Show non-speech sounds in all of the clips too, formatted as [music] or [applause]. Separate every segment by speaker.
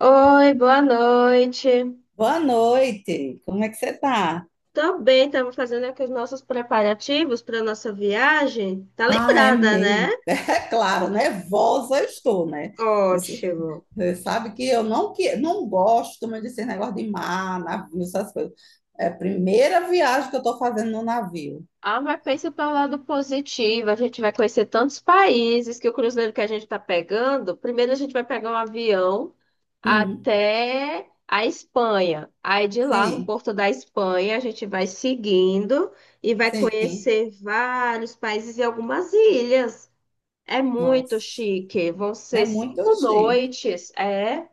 Speaker 1: Oi, boa noite.
Speaker 2: Boa noite, como é que você tá?
Speaker 1: Tô bem, estamos fazendo aqui os nossos preparativos para nossa viagem. Tá
Speaker 2: Ah, é
Speaker 1: lembrada, né?
Speaker 2: meio. [laughs] É claro, nervosa eu estou, né? Isso-
Speaker 1: Ótimo.
Speaker 2: Você sabe que eu não, que, não gosto muito desse negócio de mar, navio, essas coisas. É a primeira viagem que eu estou fazendo no navio.
Speaker 1: Ah, mas pensa pelo lado positivo. A gente vai conhecer tantos países que o cruzeiro que a gente tá pegando. Primeiro a gente vai pegar um avião
Speaker 2: Hum,
Speaker 1: até a Espanha. Aí de lá no
Speaker 2: sim,
Speaker 1: porto da Espanha a gente vai seguindo e vai
Speaker 2: sim.
Speaker 1: conhecer vários países e algumas ilhas. É muito
Speaker 2: Nossa,
Speaker 1: chique. Vão
Speaker 2: é
Speaker 1: ser
Speaker 2: muito
Speaker 1: cinco
Speaker 2: chique.
Speaker 1: noites. É,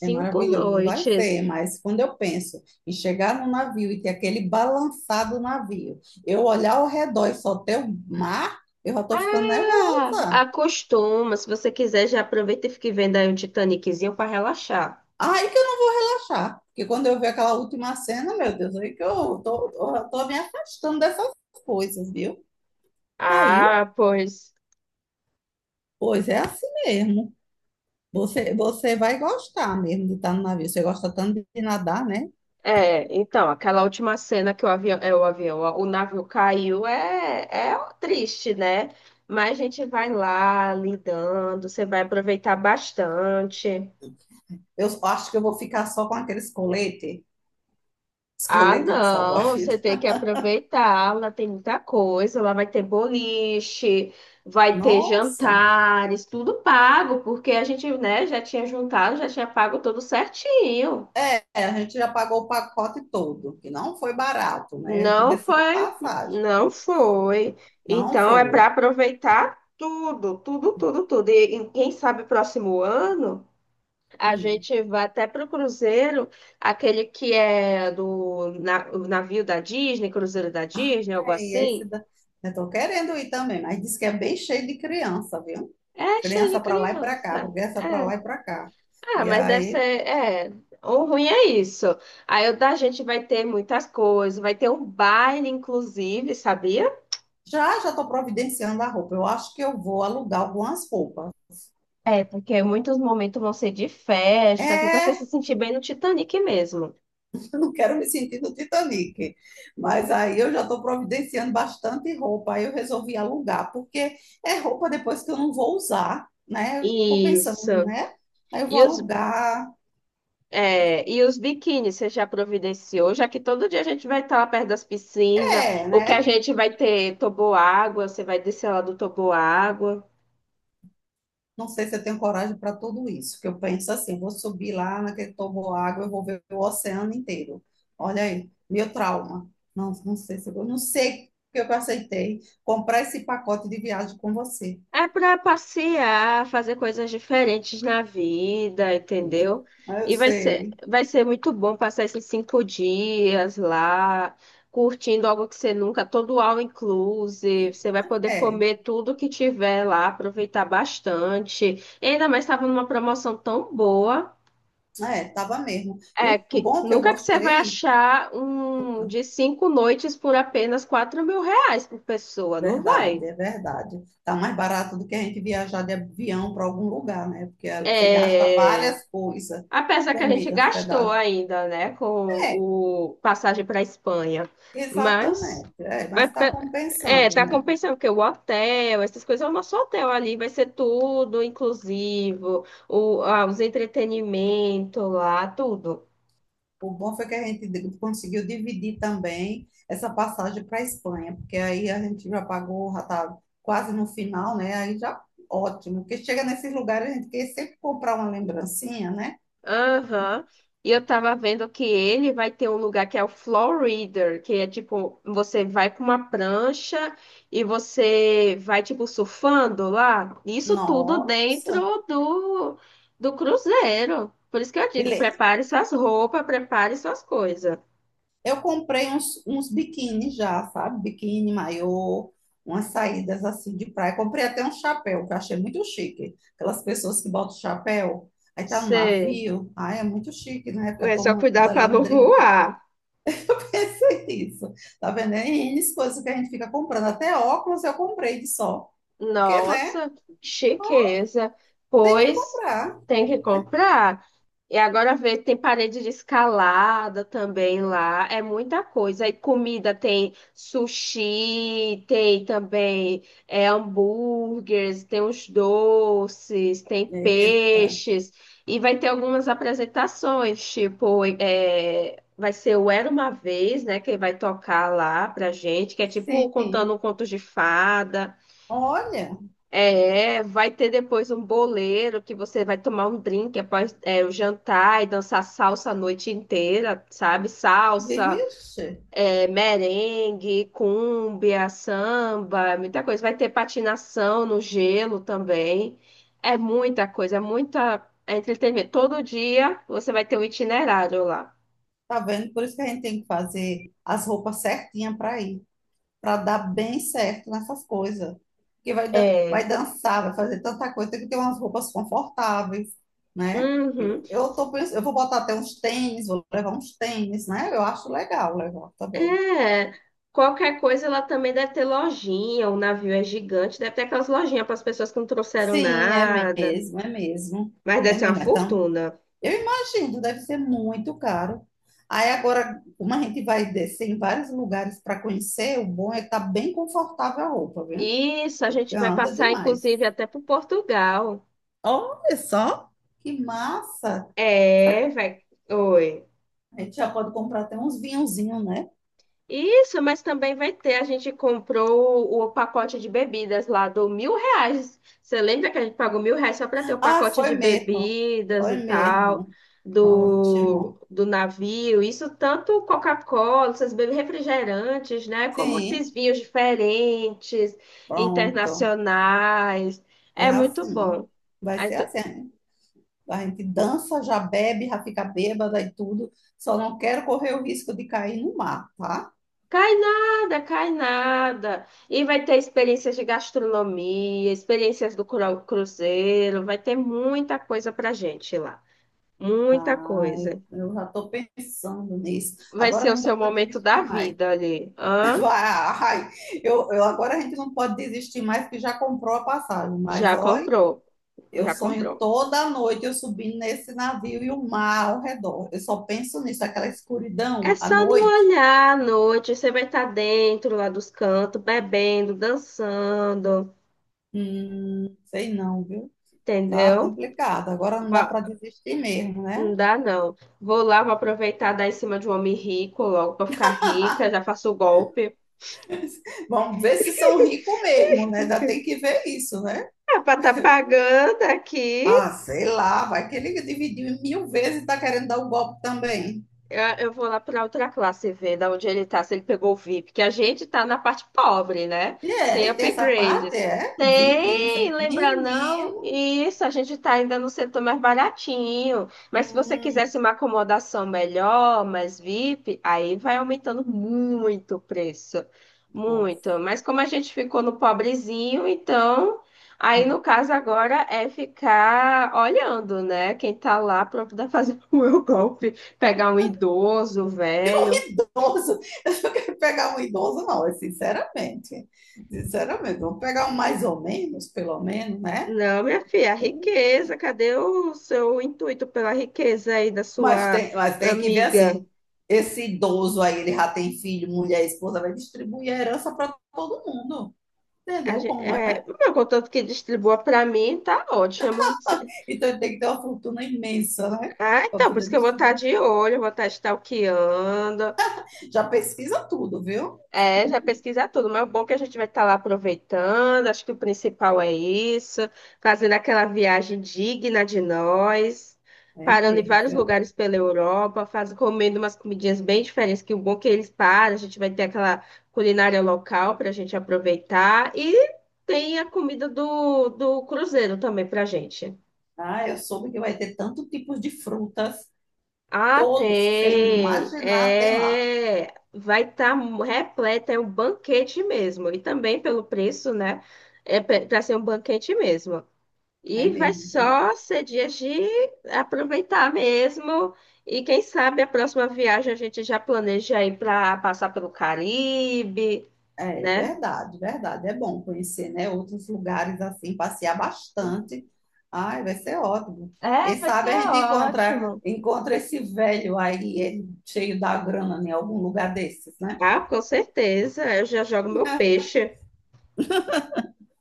Speaker 2: É maravilhoso, vai ser,
Speaker 1: noites.
Speaker 2: mas quando eu penso em chegar no navio e ter aquele balançado do navio, eu olhar ao redor e só ter o mar, eu já tô ficando
Speaker 1: Ah,
Speaker 2: nervosa.
Speaker 1: acostuma. Se você quiser, já aproveita e fique vendo aí um Titaniczinho para relaxar.
Speaker 2: Aí que eu não vou achar, porque quando eu ver aquela última cena, meu Deus, aí que eu tô me afastando dessas coisas, viu? Caiu?
Speaker 1: Ah, pois.
Speaker 2: Pois é assim mesmo. Você vai gostar mesmo de estar no navio. Você gosta tanto de nadar, né?
Speaker 1: É, então, aquela última cena que o avião, é, o avião, ó, o navio caiu é, é triste, né? Mas a gente vai lá lidando, você vai aproveitar bastante.
Speaker 2: Eu acho que eu vou ficar só com aqueles colete, esse
Speaker 1: Ah,
Speaker 2: colete de salvar a
Speaker 1: não, você
Speaker 2: vida.
Speaker 1: tem que aproveitar. Lá tem muita coisa. Lá vai ter boliche, vai ter
Speaker 2: Nossa!
Speaker 1: jantares, tudo pago, porque a gente, né, já tinha juntado, já tinha pago tudo certinho.
Speaker 2: É, a gente já pagou o pacote todo, que não foi barato, né?
Speaker 1: Não
Speaker 2: Diga-se de
Speaker 1: foi,
Speaker 2: passagem.
Speaker 1: não foi.
Speaker 2: Não
Speaker 1: Então é para
Speaker 2: foi.
Speaker 1: aproveitar tudo, tudo, tudo, tudo. E quem sabe próximo ano a
Speaker 2: Hum.
Speaker 1: gente vai até para o cruzeiro, aquele que é do na- o navio da Disney, cruzeiro da Disney, algo
Speaker 2: É, e esse
Speaker 1: assim.
Speaker 2: da... Eu tô querendo ir também, mas diz que é bem cheio de criança, viu?
Speaker 1: É cheio de
Speaker 2: Criança para lá e para cá,
Speaker 1: criança.
Speaker 2: criança para
Speaker 1: É.
Speaker 2: lá e para cá.
Speaker 1: Ah,
Speaker 2: E
Speaker 1: mas deve ser.
Speaker 2: aí,
Speaker 1: É. O ruim é isso. Aí o da gente vai ter muitas coisas. Vai ter um baile, inclusive, sabia?
Speaker 2: já já estou providenciando a roupa. Eu acho que eu vou alugar algumas roupas.
Speaker 1: É, porque muitos momentos vão ser de festa, assim, pra você se
Speaker 2: É,
Speaker 1: sentir bem no Titanic mesmo.
Speaker 2: não quero me sentir no Titanic. Mas aí eu já estou providenciando bastante roupa. Aí eu resolvi alugar, porque é roupa depois que eu não vou usar, né? Eu estou
Speaker 1: Isso.
Speaker 2: pensando, né? Aí eu vou
Speaker 1: E os,
Speaker 2: alugar.
Speaker 1: é, e os biquínis, você já providenciou, já que todo dia a gente vai estar lá perto das piscinas.
Speaker 2: É,
Speaker 1: O que a
Speaker 2: né?
Speaker 1: gente vai ter toboágua, você vai descer lá do toboágua.
Speaker 2: Não sei se eu tenho coragem para tudo isso, que eu penso assim, vou subir lá naquele água eu vou ver o oceano inteiro. Olha aí, meu trauma. Não, não sei se eu vou, não sei porque eu aceitei comprar esse pacote de viagem com você.
Speaker 1: É para passear, fazer coisas diferentes na vida,
Speaker 2: Né?
Speaker 1: entendeu?
Speaker 2: Mas eu
Speaker 1: E
Speaker 2: sei.
Speaker 1: vai ser muito bom passar esses 5 dias lá, curtindo algo que você nunca, todo all inclusive. Você vai poder
Speaker 2: É.
Speaker 1: comer tudo que tiver lá, aproveitar bastante. E ainda mais estava numa promoção tão boa.
Speaker 2: É, tava mesmo. E
Speaker 1: É
Speaker 2: o
Speaker 1: que
Speaker 2: bom que eu
Speaker 1: nunca que você vai
Speaker 2: gostei,
Speaker 1: achar um de 5 noites por apenas R$ 4.000 por pessoa, não
Speaker 2: verdade,
Speaker 1: vai?
Speaker 2: é verdade. Tá mais barato do que a gente viajar de avião para algum lugar, né? Porque ali você gasta
Speaker 1: É.
Speaker 2: várias coisas,
Speaker 1: Apesar que a gente
Speaker 2: comida,
Speaker 1: gastou
Speaker 2: hospedagem.
Speaker 1: ainda, né, com
Speaker 2: É,
Speaker 1: o passagem para Espanha, mas
Speaker 2: exatamente. É, mas
Speaker 1: mas
Speaker 2: está
Speaker 1: pe- é,
Speaker 2: compensando,
Speaker 1: tá
Speaker 2: né?
Speaker 1: compensando porque o hotel, essas coisas, o nosso hotel ali vai ser tudo inclusivo, o, ah, os entretenimento lá, tudo.
Speaker 2: O bom foi que a gente di- conseguiu dividir também essa passagem para a Espanha, porque aí a gente já pagou, já tá quase no final, né? Aí já ótimo. Porque chega nesses lugares a gente quer sempre comprar uma lembrancinha, né?
Speaker 1: Aham. E eu tava vendo que ele vai ter um lugar que é o floor reader, que é tipo, você vai com uma prancha e você vai, tipo, surfando lá. Isso tudo
Speaker 2: Nossa.
Speaker 1: dentro do cruzeiro. Por isso que eu digo,
Speaker 2: Ele-
Speaker 1: prepare suas roupas, prepare suas coisas.
Speaker 2: Eu comprei uns biquíni já, sabe? Biquíni, maiô, umas saídas assim de praia. Comprei até um chapéu, que eu achei muito chique. Aquelas pessoas que botam chapéu, aí tá no
Speaker 1: Sei.
Speaker 2: navio. Ah, é muito chique, né? Fica
Speaker 1: É só
Speaker 2: tomando
Speaker 1: cuidar para
Speaker 2: ali um
Speaker 1: não
Speaker 2: drink. [laughs]
Speaker 1: voar.
Speaker 2: Eu pensei nisso. Tá vendo? É N coisas que a gente fica comprando. Até óculos eu comprei de sol. Porque, né?
Speaker 1: Nossa, chiqueza. Pois
Speaker 2: Comprar.
Speaker 1: tem que comprar. E agora vê, tem parede de escalada também lá. É muita coisa. E comida tem sushi, tem também é, hambúrgueres, tem os doces, tem
Speaker 2: Eita.
Speaker 1: peixes. E vai ter algumas apresentações, tipo, é, vai ser o Era Uma Vez, né? Que vai tocar lá pra gente, que é tipo
Speaker 2: Sim.
Speaker 1: contando contos de fada.
Speaker 2: Olha,
Speaker 1: É, vai ter depois um boleiro que você vai tomar um drink após é, o jantar e dançar salsa a noite inteira, sabe? Salsa,
Speaker 2: vixe.
Speaker 1: é, merengue, cúmbia, samba, muita coisa. Vai ter patinação no gelo também. É muita coisa, é muita é entretenimento. Todo dia você vai ter um itinerário lá.
Speaker 2: Tá vendo? Por isso que a gente tem que fazer as roupas certinhas para ir, para dar bem certo nessas coisas. Porque vai, dan- vai
Speaker 1: É.
Speaker 2: dançar, vai fazer tanta coisa, tem que ter umas roupas confortáveis, né?
Speaker 1: Uhum.
Speaker 2: Eu tô pensando, eu vou botar até uns tênis, vou levar uns tênis, né? Eu acho legal levar também.
Speaker 1: É, qualquer coisa ela também deve ter lojinha, o navio é gigante, deve ter aquelas lojinhas para as pessoas que não trouxeram
Speaker 2: Sim, é
Speaker 1: nada,
Speaker 2: mesmo, é mesmo.
Speaker 1: mas
Speaker 2: É
Speaker 1: deve ser uma
Speaker 2: mesmo, é tão...
Speaker 1: fortuna.
Speaker 2: Eu imagino, deve ser muito caro. Aí agora, como a gente vai descer em vários lugares para conhecer, o bom é estar bem confortável a roupa, viu?
Speaker 1: Isso, a
Speaker 2: Porque
Speaker 1: gente vai
Speaker 2: anda
Speaker 1: passar
Speaker 2: demais.
Speaker 1: inclusive até para Portugal.
Speaker 2: Olha só, que massa!
Speaker 1: É, vai. Oi.
Speaker 2: A gente já pode comprar até uns vinhozinhos, né?
Speaker 1: Isso, mas também vai ter. A gente comprou o pacote de bebidas lá do R$ 1.000. Você lembra que a gente pagou R$ 1.000 só para ter o
Speaker 2: Ah,
Speaker 1: pacote
Speaker 2: foi
Speaker 1: de
Speaker 2: mesmo.
Speaker 1: bebidas
Speaker 2: Foi
Speaker 1: e tal,
Speaker 2: mesmo.
Speaker 1: do,
Speaker 2: Ótimo.
Speaker 1: do navio? Isso tanto Coca-Cola, essas bebidas refrigerantes, né? Como esses
Speaker 2: Sim,
Speaker 1: vinhos diferentes,
Speaker 2: pronto.
Speaker 1: internacionais.
Speaker 2: É
Speaker 1: É muito
Speaker 2: assim.
Speaker 1: bom.
Speaker 2: Vai
Speaker 1: Aí,
Speaker 2: ser
Speaker 1: t-
Speaker 2: assim. A gente dança, já bebe, já fica bêbada e tudo. Só não quero correr o risco de cair no mar, tá?
Speaker 1: Cai nada, cai nada. E vai ter experiências de gastronomia, experiências do cru- cruzeiro, vai ter muita coisa pra gente lá. Muita coisa.
Speaker 2: Ai, eu já tô pensando nisso.
Speaker 1: Vai ser
Speaker 2: Agora
Speaker 1: o
Speaker 2: não dá
Speaker 1: seu
Speaker 2: para
Speaker 1: momento da
Speaker 2: desistir mais.
Speaker 1: vida ali.
Speaker 2: [laughs]
Speaker 1: Hã?
Speaker 2: Vai, eu agora a gente não pode desistir mais, porque já comprou a passagem. Mas
Speaker 1: Já
Speaker 2: olha.
Speaker 1: comprou,
Speaker 2: Eu
Speaker 1: já
Speaker 2: sonho
Speaker 1: comprou.
Speaker 2: toda noite eu subindo nesse navio e o mar ao redor. Eu só penso nisso, aquela escuridão
Speaker 1: É
Speaker 2: à
Speaker 1: só não
Speaker 2: noite.
Speaker 1: olhar à noite, você vai estar dentro lá dos cantos, bebendo, dançando,
Speaker 2: Sei não, viu? Tá
Speaker 1: entendeu?
Speaker 2: complicado. Agora não dá
Speaker 1: Ba-
Speaker 2: para desistir mesmo, né?
Speaker 1: Não dá não. Vou lá, vou aproveitar dar em cima de um homem rico logo pra ficar rica, já faço o golpe.
Speaker 2: Vamos ver se são ricos mesmo, né? Já tem que ver isso, né?
Speaker 1: Ah, para estar pagando aqui,
Speaker 2: Ah, sei lá, vai que ele dividiu em 1.000 vezes e tá querendo dar o golpe também.
Speaker 1: eu vou lá para outra classe ver da onde ele tá, se ele pegou o VIP, que a gente tá na parte pobre, né?
Speaker 2: E é,
Speaker 1: Sem
Speaker 2: e tem essa parte,
Speaker 1: upgrades.
Speaker 2: é? VIP, não sei o
Speaker 1: Tem,
Speaker 2: quê.
Speaker 1: lembra não?
Speaker 2: Menino.
Speaker 1: Isso, a gente tá ainda no setor mais baratinho. Mas se você
Speaker 2: Hum,
Speaker 1: quisesse uma acomodação melhor, mais VIP, aí vai aumentando muito o preço. Muito.
Speaker 2: nossa.
Speaker 1: Mas como a gente ficou no pobrezinho, então. Aí,
Speaker 2: Hum.
Speaker 1: no caso, agora é ficar olhando, né? Quem tá lá para poder fazer [laughs] o meu golpe. Pegar um idoso,
Speaker 2: [laughs] Um
Speaker 1: velho.
Speaker 2: idoso, eu não quero pegar um idoso, não, é sinceramente. Sinceramente, vamos pegar um mais ou menos, pelo menos, né?
Speaker 1: Não, minha filha, a riqueza, cadê o seu intuito pela riqueza aí da
Speaker 2: Mas
Speaker 1: sua
Speaker 2: tem, mas tem que ver
Speaker 1: amiga?
Speaker 2: assim, esse idoso aí, ele já tem filho, mulher, esposa, vai distribuir a herança para todo mundo,
Speaker 1: A
Speaker 2: entendeu
Speaker 1: gente,
Speaker 2: como
Speaker 1: é,
Speaker 2: é?
Speaker 1: o meu, contanto que distribua para mim, tá ótimo. Se-
Speaker 2: Então ele tem que ter uma fortuna imensa, né?
Speaker 1: Ah,
Speaker 2: Para
Speaker 1: então, por isso
Speaker 2: poder
Speaker 1: que eu vou estar
Speaker 2: distribuir.
Speaker 1: de olho, eu vou estar stalkeando.
Speaker 2: Já pesquisa tudo, viu?
Speaker 1: É, já pesquisar tudo, mas é bom é que a gente vai estar lá aproveitando. Acho que o principal é isso, fazendo aquela viagem digna de nós,
Speaker 2: É
Speaker 1: parando em
Speaker 2: mesmo,
Speaker 1: vários
Speaker 2: viu?
Speaker 1: lugares pela Europa, faz, comendo umas comidinhas bem diferentes, que o bom é que eles param, a gente vai ter aquela culinária local para a gente aproveitar e tem a comida do cruzeiro também para a gente.
Speaker 2: Ah, eu soube que vai ter tanto tipos de frutas,
Speaker 1: Ah,
Speaker 2: todos, sem
Speaker 1: tem.
Speaker 2: imaginar, tem lá.
Speaker 1: É, vai estar repleto, é um banquete mesmo. E também pelo preço, né? É para ser um banquete mesmo.
Speaker 2: É
Speaker 1: E vai
Speaker 2: mesmo, então.
Speaker 1: só ser dias de aproveitar mesmo. E quem sabe a próxima viagem a gente já planeja ir para passar pelo Caribe,
Speaker 2: É
Speaker 1: né?
Speaker 2: verdade, verdade. É bom conhecer, né, outros lugares assim, passear bastante. Ai, vai ser ótimo.
Speaker 1: É,
Speaker 2: Quem
Speaker 1: vai ser
Speaker 2: sabe a gente encontra,
Speaker 1: ótimo.
Speaker 2: encontra esse velho aí, ele cheio da grana, em algum lugar desses, né?
Speaker 1: Ah, com certeza. Eu já jogo meu peixe.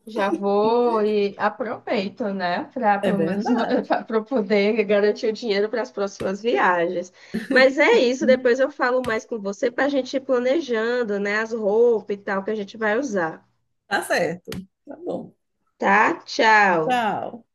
Speaker 1: Já vou e aproveito, né, para
Speaker 2: É
Speaker 1: pelo menos
Speaker 2: verdade.
Speaker 1: [laughs] para poder garantir o dinheiro para as próximas viagens. Mas é isso, depois eu falo mais com você para a gente ir planejando, né, as roupas e tal que a gente vai usar,
Speaker 2: Tá certo. Tá bom.
Speaker 1: tá? Tchau.
Speaker 2: Tchau.